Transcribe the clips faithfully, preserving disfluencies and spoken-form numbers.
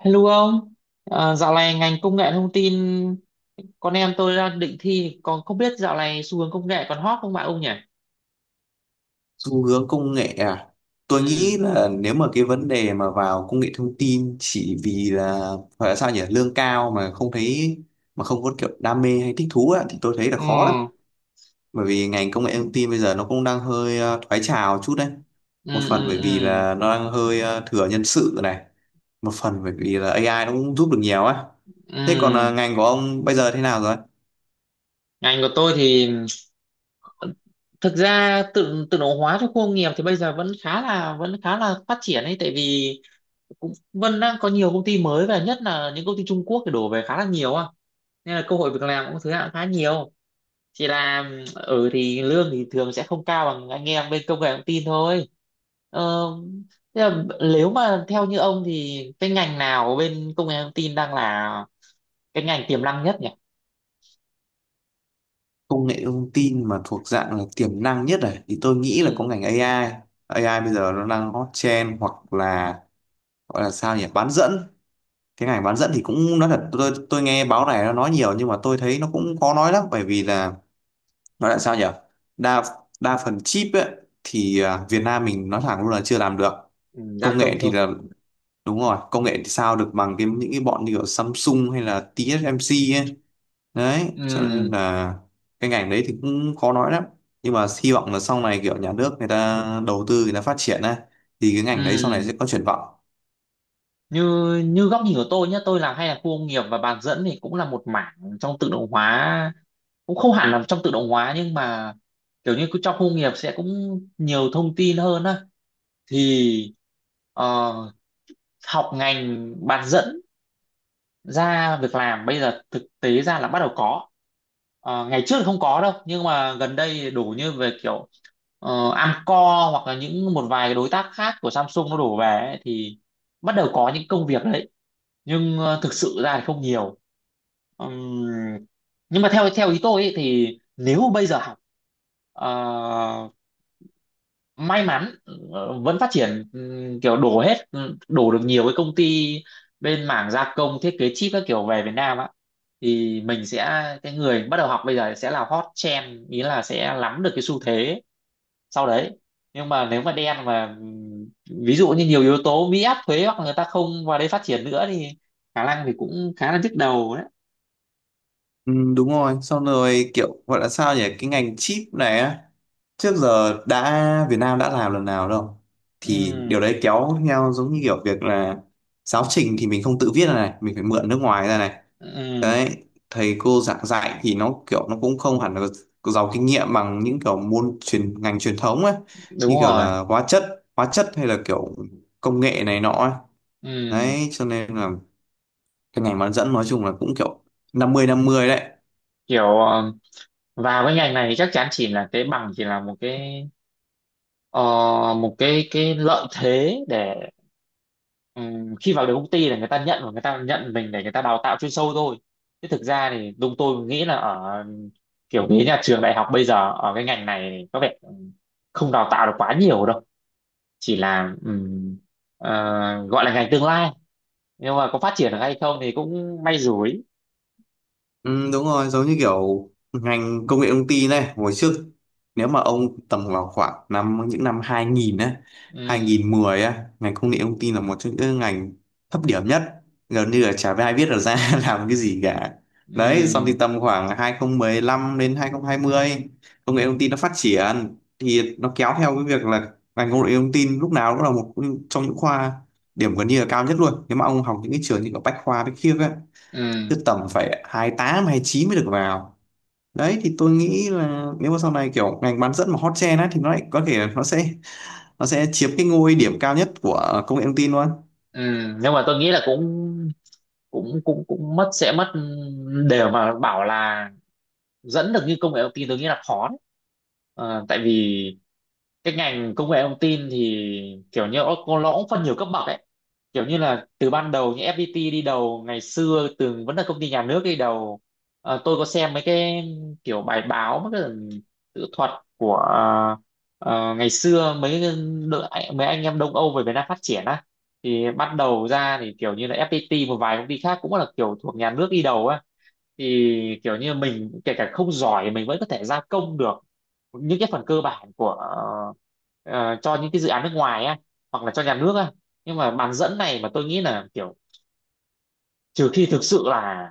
Hello ông. À, dạo này ngành công nghệ thông tin con em tôi đang định thi, còn không biết dạo này xu hướng công nghệ còn hot không bạn ông nhỉ? Xu hướng công nghệ à? Tôi nghĩ Ừ, là nếu mà cái vấn đề mà vào công nghệ thông tin chỉ vì là, gọi là sao nhỉ, lương cao mà không thấy, mà không có kiểu đam mê hay thích thú á, thì tôi thấy là ừ, khó lắm. Bởi vì ngành công nghệ thông tin bây giờ nó cũng đang hơi ờ, thoái trào chút đấy. ừ, Một phần ừ, bởi vì ừ, là nó đang hơi ờ, thừa nhân sự này, một phần bởi vì là a i nó cũng giúp được nhiều á. Thế còn ờ, ừ. ngành của ông bây giờ thế nào rồi? Ngành của tôi thì thực ra tự tự động hóa trong khu công nghiệp thì bây giờ vẫn khá là vẫn khá là phát triển ấy, tại vì cũng vẫn đang có nhiều công ty mới, và nhất là những công ty Trung Quốc thì đổ về khá là nhiều á, nên là cơ hội việc làm cũng thứ hạng khá nhiều. Chỉ là ở thì lương thì thường sẽ không cao bằng anh em bên công nghệ thông tin thôi. ờ, Thế là nếu mà theo như ông thì cái ngành nào bên công nghệ thông tin đang là cái ngành tiềm năng nhất nhỉ? Công nghệ thông tin mà thuộc dạng là tiềm năng nhất này thì tôi nghĩ là có Ừ. ngành a i. a i bây giờ nó đang hot trend, hoặc là, gọi là sao nhỉ, bán dẫn. Cái ngành bán dẫn thì cũng nói thật, tôi tôi nghe báo này nó nói nhiều nhưng mà tôi thấy nó cũng khó nói lắm, bởi vì là, nói là sao nhỉ, đa đa phần chip ấy, thì à, Việt Nam mình nói thẳng luôn là chưa làm được Ừ, gia công nghệ công thì thôi. là, đúng rồi, công nghệ thì sao được bằng cái những cái bọn như kiểu Samsung hay là tê ét em xê ấy. Đấy cho nên Ừ, là cái ngành đấy thì cũng khó nói lắm, nhưng mà hy vọng là sau này kiểu nhà nước người ta đầu tư, người ta phát triển á, thì cái ngành đấy sau này ừ. sẽ có triển vọng. Như như góc nhìn của tôi nhé, tôi làm hay là khu công nghiệp và bán dẫn thì cũng là một mảng trong tự động hóa, cũng không hẳn là trong tự động hóa nhưng mà kiểu như cứ trong khu công nghiệp sẽ cũng nhiều thông tin hơn á. Thì ờ, học ngành bán dẫn ra việc làm bây giờ thực tế ra là bắt đầu có. Ờ, ngày trước thì không có đâu nhưng mà gần đây đổ như về kiểu ờ, Amcor hoặc là những một vài đối tác khác của Samsung nó đổ về ấy, thì bắt đầu có những công việc đấy, nhưng ờ, thực sự ra thì không nhiều. Ừm, nhưng mà theo theo ý tôi ấy, thì nếu bây giờ học, ờ, may mắn, ờ, vẫn phát triển, ừm, kiểu đổ hết, ừ, đổ được nhiều cái công ty bên mảng gia công thiết kế chip các kiểu về Việt Nam á, thì mình sẽ, cái người bắt đầu học bây giờ sẽ là hot trend, ý là sẽ nắm được cái xu thế sau đấy. Nhưng mà nếu mà đen mà ừm, ví dụ như nhiều yếu tố Mỹ áp thuế hoặc người ta không vào đây phát triển nữa thì khả năng thì cũng khá là nhức đầu đấy. Ừ, đúng rồi, xong rồi kiểu gọi là sao nhỉ, cái ngành chip này á, trước giờ đã Việt Nam đã làm lần nào đâu. Thì Ừm, điều đấy kéo theo giống như kiểu việc là giáo trình thì mình không tự viết ra này, mình phải mượn nước ngoài ra này. ừm, Đấy, thầy cô giảng dạy thì nó kiểu nó cũng không hẳn là giàu kinh nghiệm bằng những kiểu môn truyền ngành truyền thống ấy, đúng như kiểu rồi. là hóa chất, hóa chất hay là kiểu công nghệ này nọ ấy. Ừm, Đấy cho nên là cái ngành bán dẫn nói chung là cũng kiểu năm mươi năm mươi đấy. kiểu ờ, vào cái ngành này chắc chắn chỉ là cái bằng chỉ là một cái, ờ, một cái cái lợi thế để, ừm, khi vào được công ty là người ta nhận, và người ta nhận mình để người ta đào tạo chuyên sâu thôi. Chứ thực ra thì đúng, tôi nghĩ là ở kiểu cái nhà trường đại học bây giờ ở cái ngành này thì có vẻ ừm, không đào tạo được quá nhiều đâu. Chỉ là ừm, ờ, gọi là ngành tương lai, nhưng mà có phát triển được hay không thì cũng may rủi. Ừ, đúng rồi, giống như kiểu ngành công nghệ thông tin này, hồi trước nếu mà ông tầm vào khoảng năm những năm hai nghìn á, Ừm, hai nghìn không trăm mười á, ngành công nghệ thông tin là một trong những ngành thấp điểm nhất, gần như là chả ai biết là ra làm cái gì cả. Đấy, xong thì ừm, tầm khoảng hai không một lăm đến hai không hai không, công nghệ thông tin nó phát triển thì nó kéo theo cái việc là ngành công nghệ thông tin lúc nào cũng là một trong những khoa điểm gần như là cao nhất luôn. Nếu mà ông học những cái trường như ở Bách Khoa, Bách Khiếp ấy ừm, cứ tầm phải hai tám, chín mới được vào. Đấy thì tôi nghĩ là nếu mà sau này kiểu ngành bán dẫn mà hot trend á thì nó lại có thể nó sẽ nó sẽ chiếm cái ngôi điểm cao nhất của công nghệ thông tin luôn. ừm. nhưng mà tôi nghĩ là cũng cũng cũng cũng mất, sẽ mất ừ, đều mà bảo là dẫn được như công nghệ thông tin tôi nghĩ là khó đấy. Ờ, tại vì cái ngành công nghệ thông tin thì kiểu như nó, nó cũng phân nhiều cấp bậc ấy, kiểu như là từ ban đầu như ép pi ti đi đầu, ngày xưa từng vẫn là công ty nhà nước đi đầu. Ờ, tôi có xem mấy cái kiểu bài báo, mấy cái tự thuật của, ờ, ngày xưa mấy cái đội, mấy anh em Đông Âu về Việt Nam phát triển á, thì bắt đầu ra thì kiểu như là ép pê tê, một vài công ty khác cũng là kiểu thuộc nhà nước đi đầu á, thì kiểu như mình kể cả không giỏi mình vẫn có thể gia công được những cái phần cơ bản của, ờ, cho những cái dự án nước ngoài á, hoặc là cho nhà nước á. Nhưng mà bán dẫn này mà tôi nghĩ là kiểu trừ khi thực sự là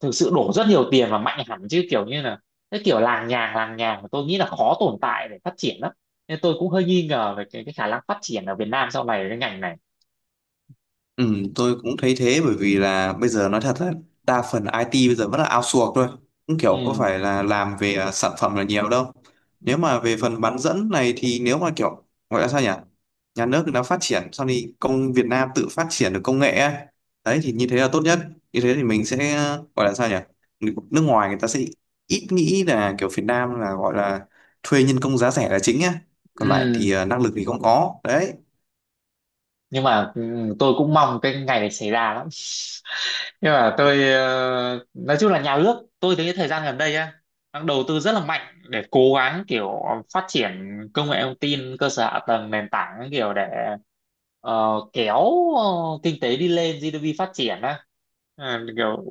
thực sự đổ rất nhiều tiền và mạnh hẳn, chứ kiểu như là cái kiểu làng nhàng làng nhàng mà tôi nghĩ là khó tồn tại để phát triển lắm. Nên tôi cũng hơi nghi ngờ về cái, cái khả năng phát triển ở Việt Nam sau này cái ngành này. Ừ, tôi cũng thấy thế bởi vì là bây giờ nói thật là đa phần i tê bây giờ vẫn là outsource thôi, cũng kiểu có Ừ. phải là làm về à, sản phẩm là nhiều đâu. Nếu mà về phần bán dẫn này thì nếu mà kiểu, gọi là sao nhỉ, nhà nước đã phát triển sau thì công Việt Nam tự phát triển được công nghệ ấy. Đấy thì như thế là tốt nhất, như thế thì mình sẽ ờ, gọi là sao nhỉ, Người- nước ngoài người ta sẽ ít nghĩ là kiểu Việt Nam là gọi là thuê nhân công giá rẻ là chính á, còn lại Ừ. thì à, năng lực thì không có đấy. Nhưng mà ừ, tôi cũng mong cái ngày này xảy ra lắm. Nhưng mà tôi ờ, nói chung là nhà nước tôi thấy thời gian gần đây á đang đầu tư rất là mạnh để cố gắng kiểu phát triển công nghệ thông tin, cơ sở hạ tầng, nền tảng, kiểu để ờ, kéo ờ, kinh tế đi lên, giê đê pê phát triển á. Ờ, kiểu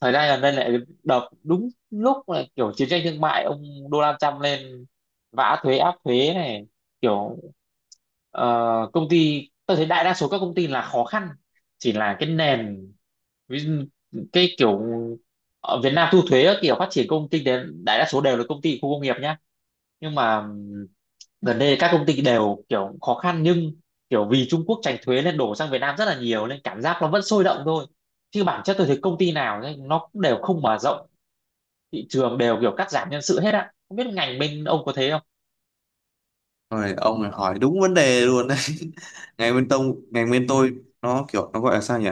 thời gian gần đây lại đập đúng lúc là kiểu chiến tranh thương mại, ông Donald Trump lên vã thuế, áp thuế này, kiểu, Ờ, công ty tôi thấy đại đa số các công ty là khó khăn. Chỉ là cái nền, ví dụ, cái kiểu ở Việt Nam thu thuế các kiểu, phát triển công ty đến đại đa số đều là công ty khu công nghiệp nhá. Nhưng mà ừm, gần đây các công ty đều kiểu khó khăn, nhưng kiểu vì Trung Quốc tránh thuế nên đổ sang Việt Nam rất là nhiều nên cảm giác nó vẫn sôi động thôi. Chứ bản chất tôi thấy công ty nào ấy, nó cũng đều không mở rộng thị trường, đều kiểu cắt giảm nhân sự hết á, không biết ngành bên ông có thế không. Rồi ông này hỏi đúng vấn đề luôn đấy. Ngành bên tông, ngành bên tôi nó kiểu nó gọi là sao nhỉ?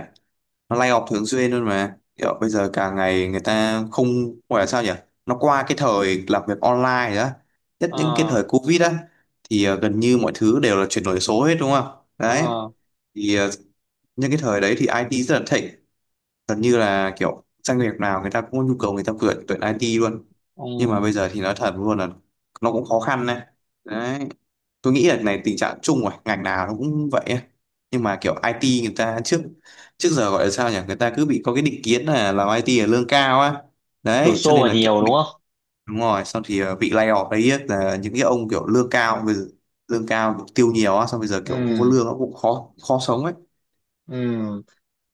Nó lay off thường xuyên luôn mà. Kiểu bây giờ cả ngày người ta không gọi là sao nhỉ? Nó qua cái thời làm việc online rồi đó. Nhất những cái Ờ. thời Covid á thì ờ, gần như mọi thứ đều là chuyển đổi số hết đúng không? Đấy. Ờ. Thì ờ, những cái thời đấy thì ai ti rất là thịnh. Gần như là kiểu doanh nghiệp nào người ta cũng có nhu cầu người ta tuyển tuyển i tê luôn. Ừ. Nhưng mà bây giờ thì nói thật luôn là nó cũng khó khăn này. Đấy, tôi nghĩ là này tình trạng chung rồi, ngành nào nó cũng vậy ấy. Nhưng mà kiểu i tê người ta trước trước giờ gọi là sao nhỉ, người ta cứ bị có cái định kiến là làm i tê là lương cao á, Đổ đấy cho xô nên vào là kiểu nhiều đúng bị không. đúng rồi xong thì ờ, bị lay off đấy ấy, là những cái ông kiểu lương cao, bây giờ lương cao kiểu tiêu nhiều á, xong bây giờ kiểu không có Ừ. lương nó cũng khó khó sống ấy. Ừ.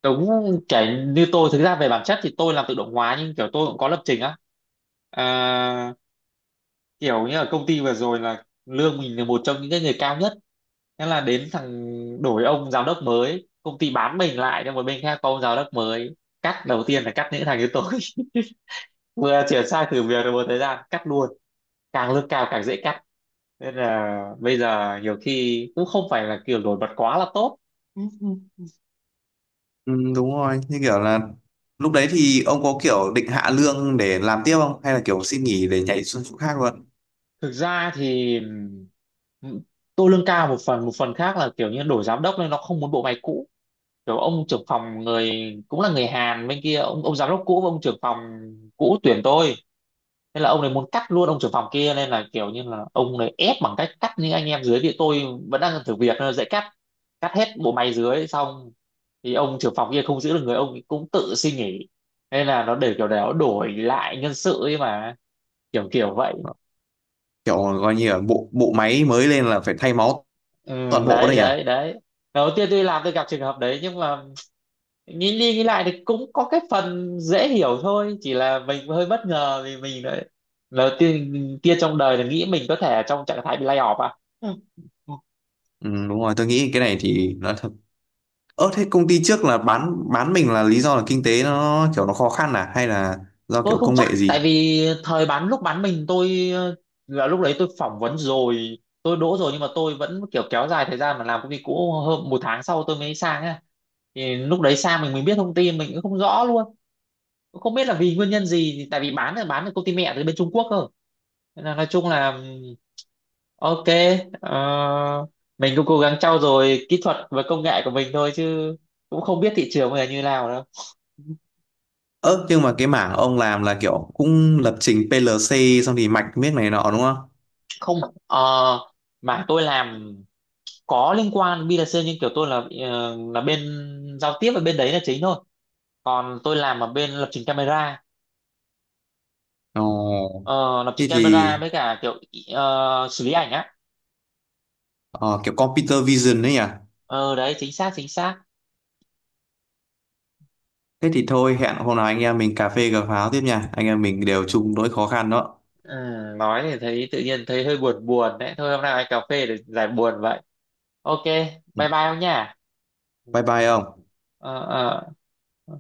Đúng. Cái như tôi thực ra về bản chất thì tôi làm tự động hóa nhưng kiểu tôi cũng có lập trình á. à, Kiểu như ở công ty vừa rồi là lương mình là một trong những cái người cao nhất. Thế là đến thằng, đổi ông giám đốc mới, công ty bán mình lại cho một bên khác, có ông giám đốc mới, cắt đầu tiên là cắt những thằng như tôi. Vừa chuyển sang thử việc được một thời gian cắt luôn. Càng lương cao càng dễ cắt, nên là bây giờ nhiều khi cũng không phải là kiểu nổi bật quá là tốt. Ừ, đúng rồi như kiểu là lúc đấy thì ông có kiểu định hạ lương để làm tiếp không hay là kiểu xin nghỉ để nhảy xuống chỗ khác luôn? Thực ra thì ừm, tôi lương cao một phần, một phần khác là kiểu như đổi giám đốc nên nó không muốn bộ máy cũ. Kiểu ông trưởng phòng người, cũng là người Hàn bên kia, ông ông giám đốc cũ và ông trưởng phòng cũ tuyển tôi, nên là ông này muốn cắt luôn ông trưởng phòng kia, nên là kiểu như là ông này ép bằng cách cắt những anh em dưới, thì tôi vẫn đang thử việc nên là dễ cắt. Cắt hết bộ máy dưới xong thì ông trưởng phòng kia không giữ được người, ông ấy cũng tự xin nghỉ. Nên là nó để kiểu để nó đổi lại nhân sự ấy mà, kiểu kiểu vậy. Kiểu coi như là bộ bộ máy mới lên là phải thay máu Ừ, toàn bộ đấy đấy nhỉ? đấy đấy. Đầu tiên tôi làm tôi gặp trường hợp đấy, nhưng mà nghĩ đi nghĩ lại thì cũng có cái phần dễ hiểu thôi, chỉ là mình hơi bất ngờ vì mình đấy, đầu tiên kia trong đời là nghĩ mình có thể trong trạng thái bị lay off à. Ừ. Ừ, đúng rồi tôi nghĩ cái này thì nói thật. Ơ thế công ty trước là bán bán mình là lý do là kinh tế nó kiểu nó khó khăn à hay là do Tôi kiểu không công chắc, nghệ tại gì? vì thời bán, lúc bán mình tôi ờ, là lúc đấy tôi phỏng vấn rồi, tôi đỗ rồi nhưng mà tôi vẫn kiểu kéo dài thời gian mà làm công ty cũ hơn một tháng sau tôi mới sang á, thì lúc đấy sang mình mình biết thông tin mình cũng không rõ luôn. Cũng không biết là vì nguyên nhân gì, thì tại vì bán là bán được công ty mẹ từ bên Trung Quốc cơ. Nên là nói chung là ừm, ok, ờ, mình cũng cố gắng trau dồi kỹ thuật và công nghệ của mình thôi, chứ cũng không biết thị trường bây giờ như nào đâu. Ơ nhưng mà cái mảng ông làm là kiểu cũng lập trình pê lờ xê xong thì mạch miếc này nọ đúng không? Không. ờ, mà tôi làm có liên quan bê hai xê, nhưng kiểu tôi là ờ, là bên giao tiếp, và bên đấy là chính thôi, còn tôi làm ở bên lập trình camera. Ồ, Ờ, lập thế trình thì camera với cả kiểu ờ, xử lý ảnh á. ờ, kiểu computer vision đấy nhỉ. Ờ đấy, chính xác chính xác. Thế thì thôi, hẹn hôm nào anh em mình cà phê cà pháo tiếp nha, anh em mình đều chung nỗi khó khăn đó. Ừ, nói thì thấy tự nhiên thấy hơi buồn buồn đấy. Thôi hôm nào anh cà phê để giải buồn vậy. Ok, Ừ, bye bye ông nha. bye bye ông. Ờ ờ. Ờ.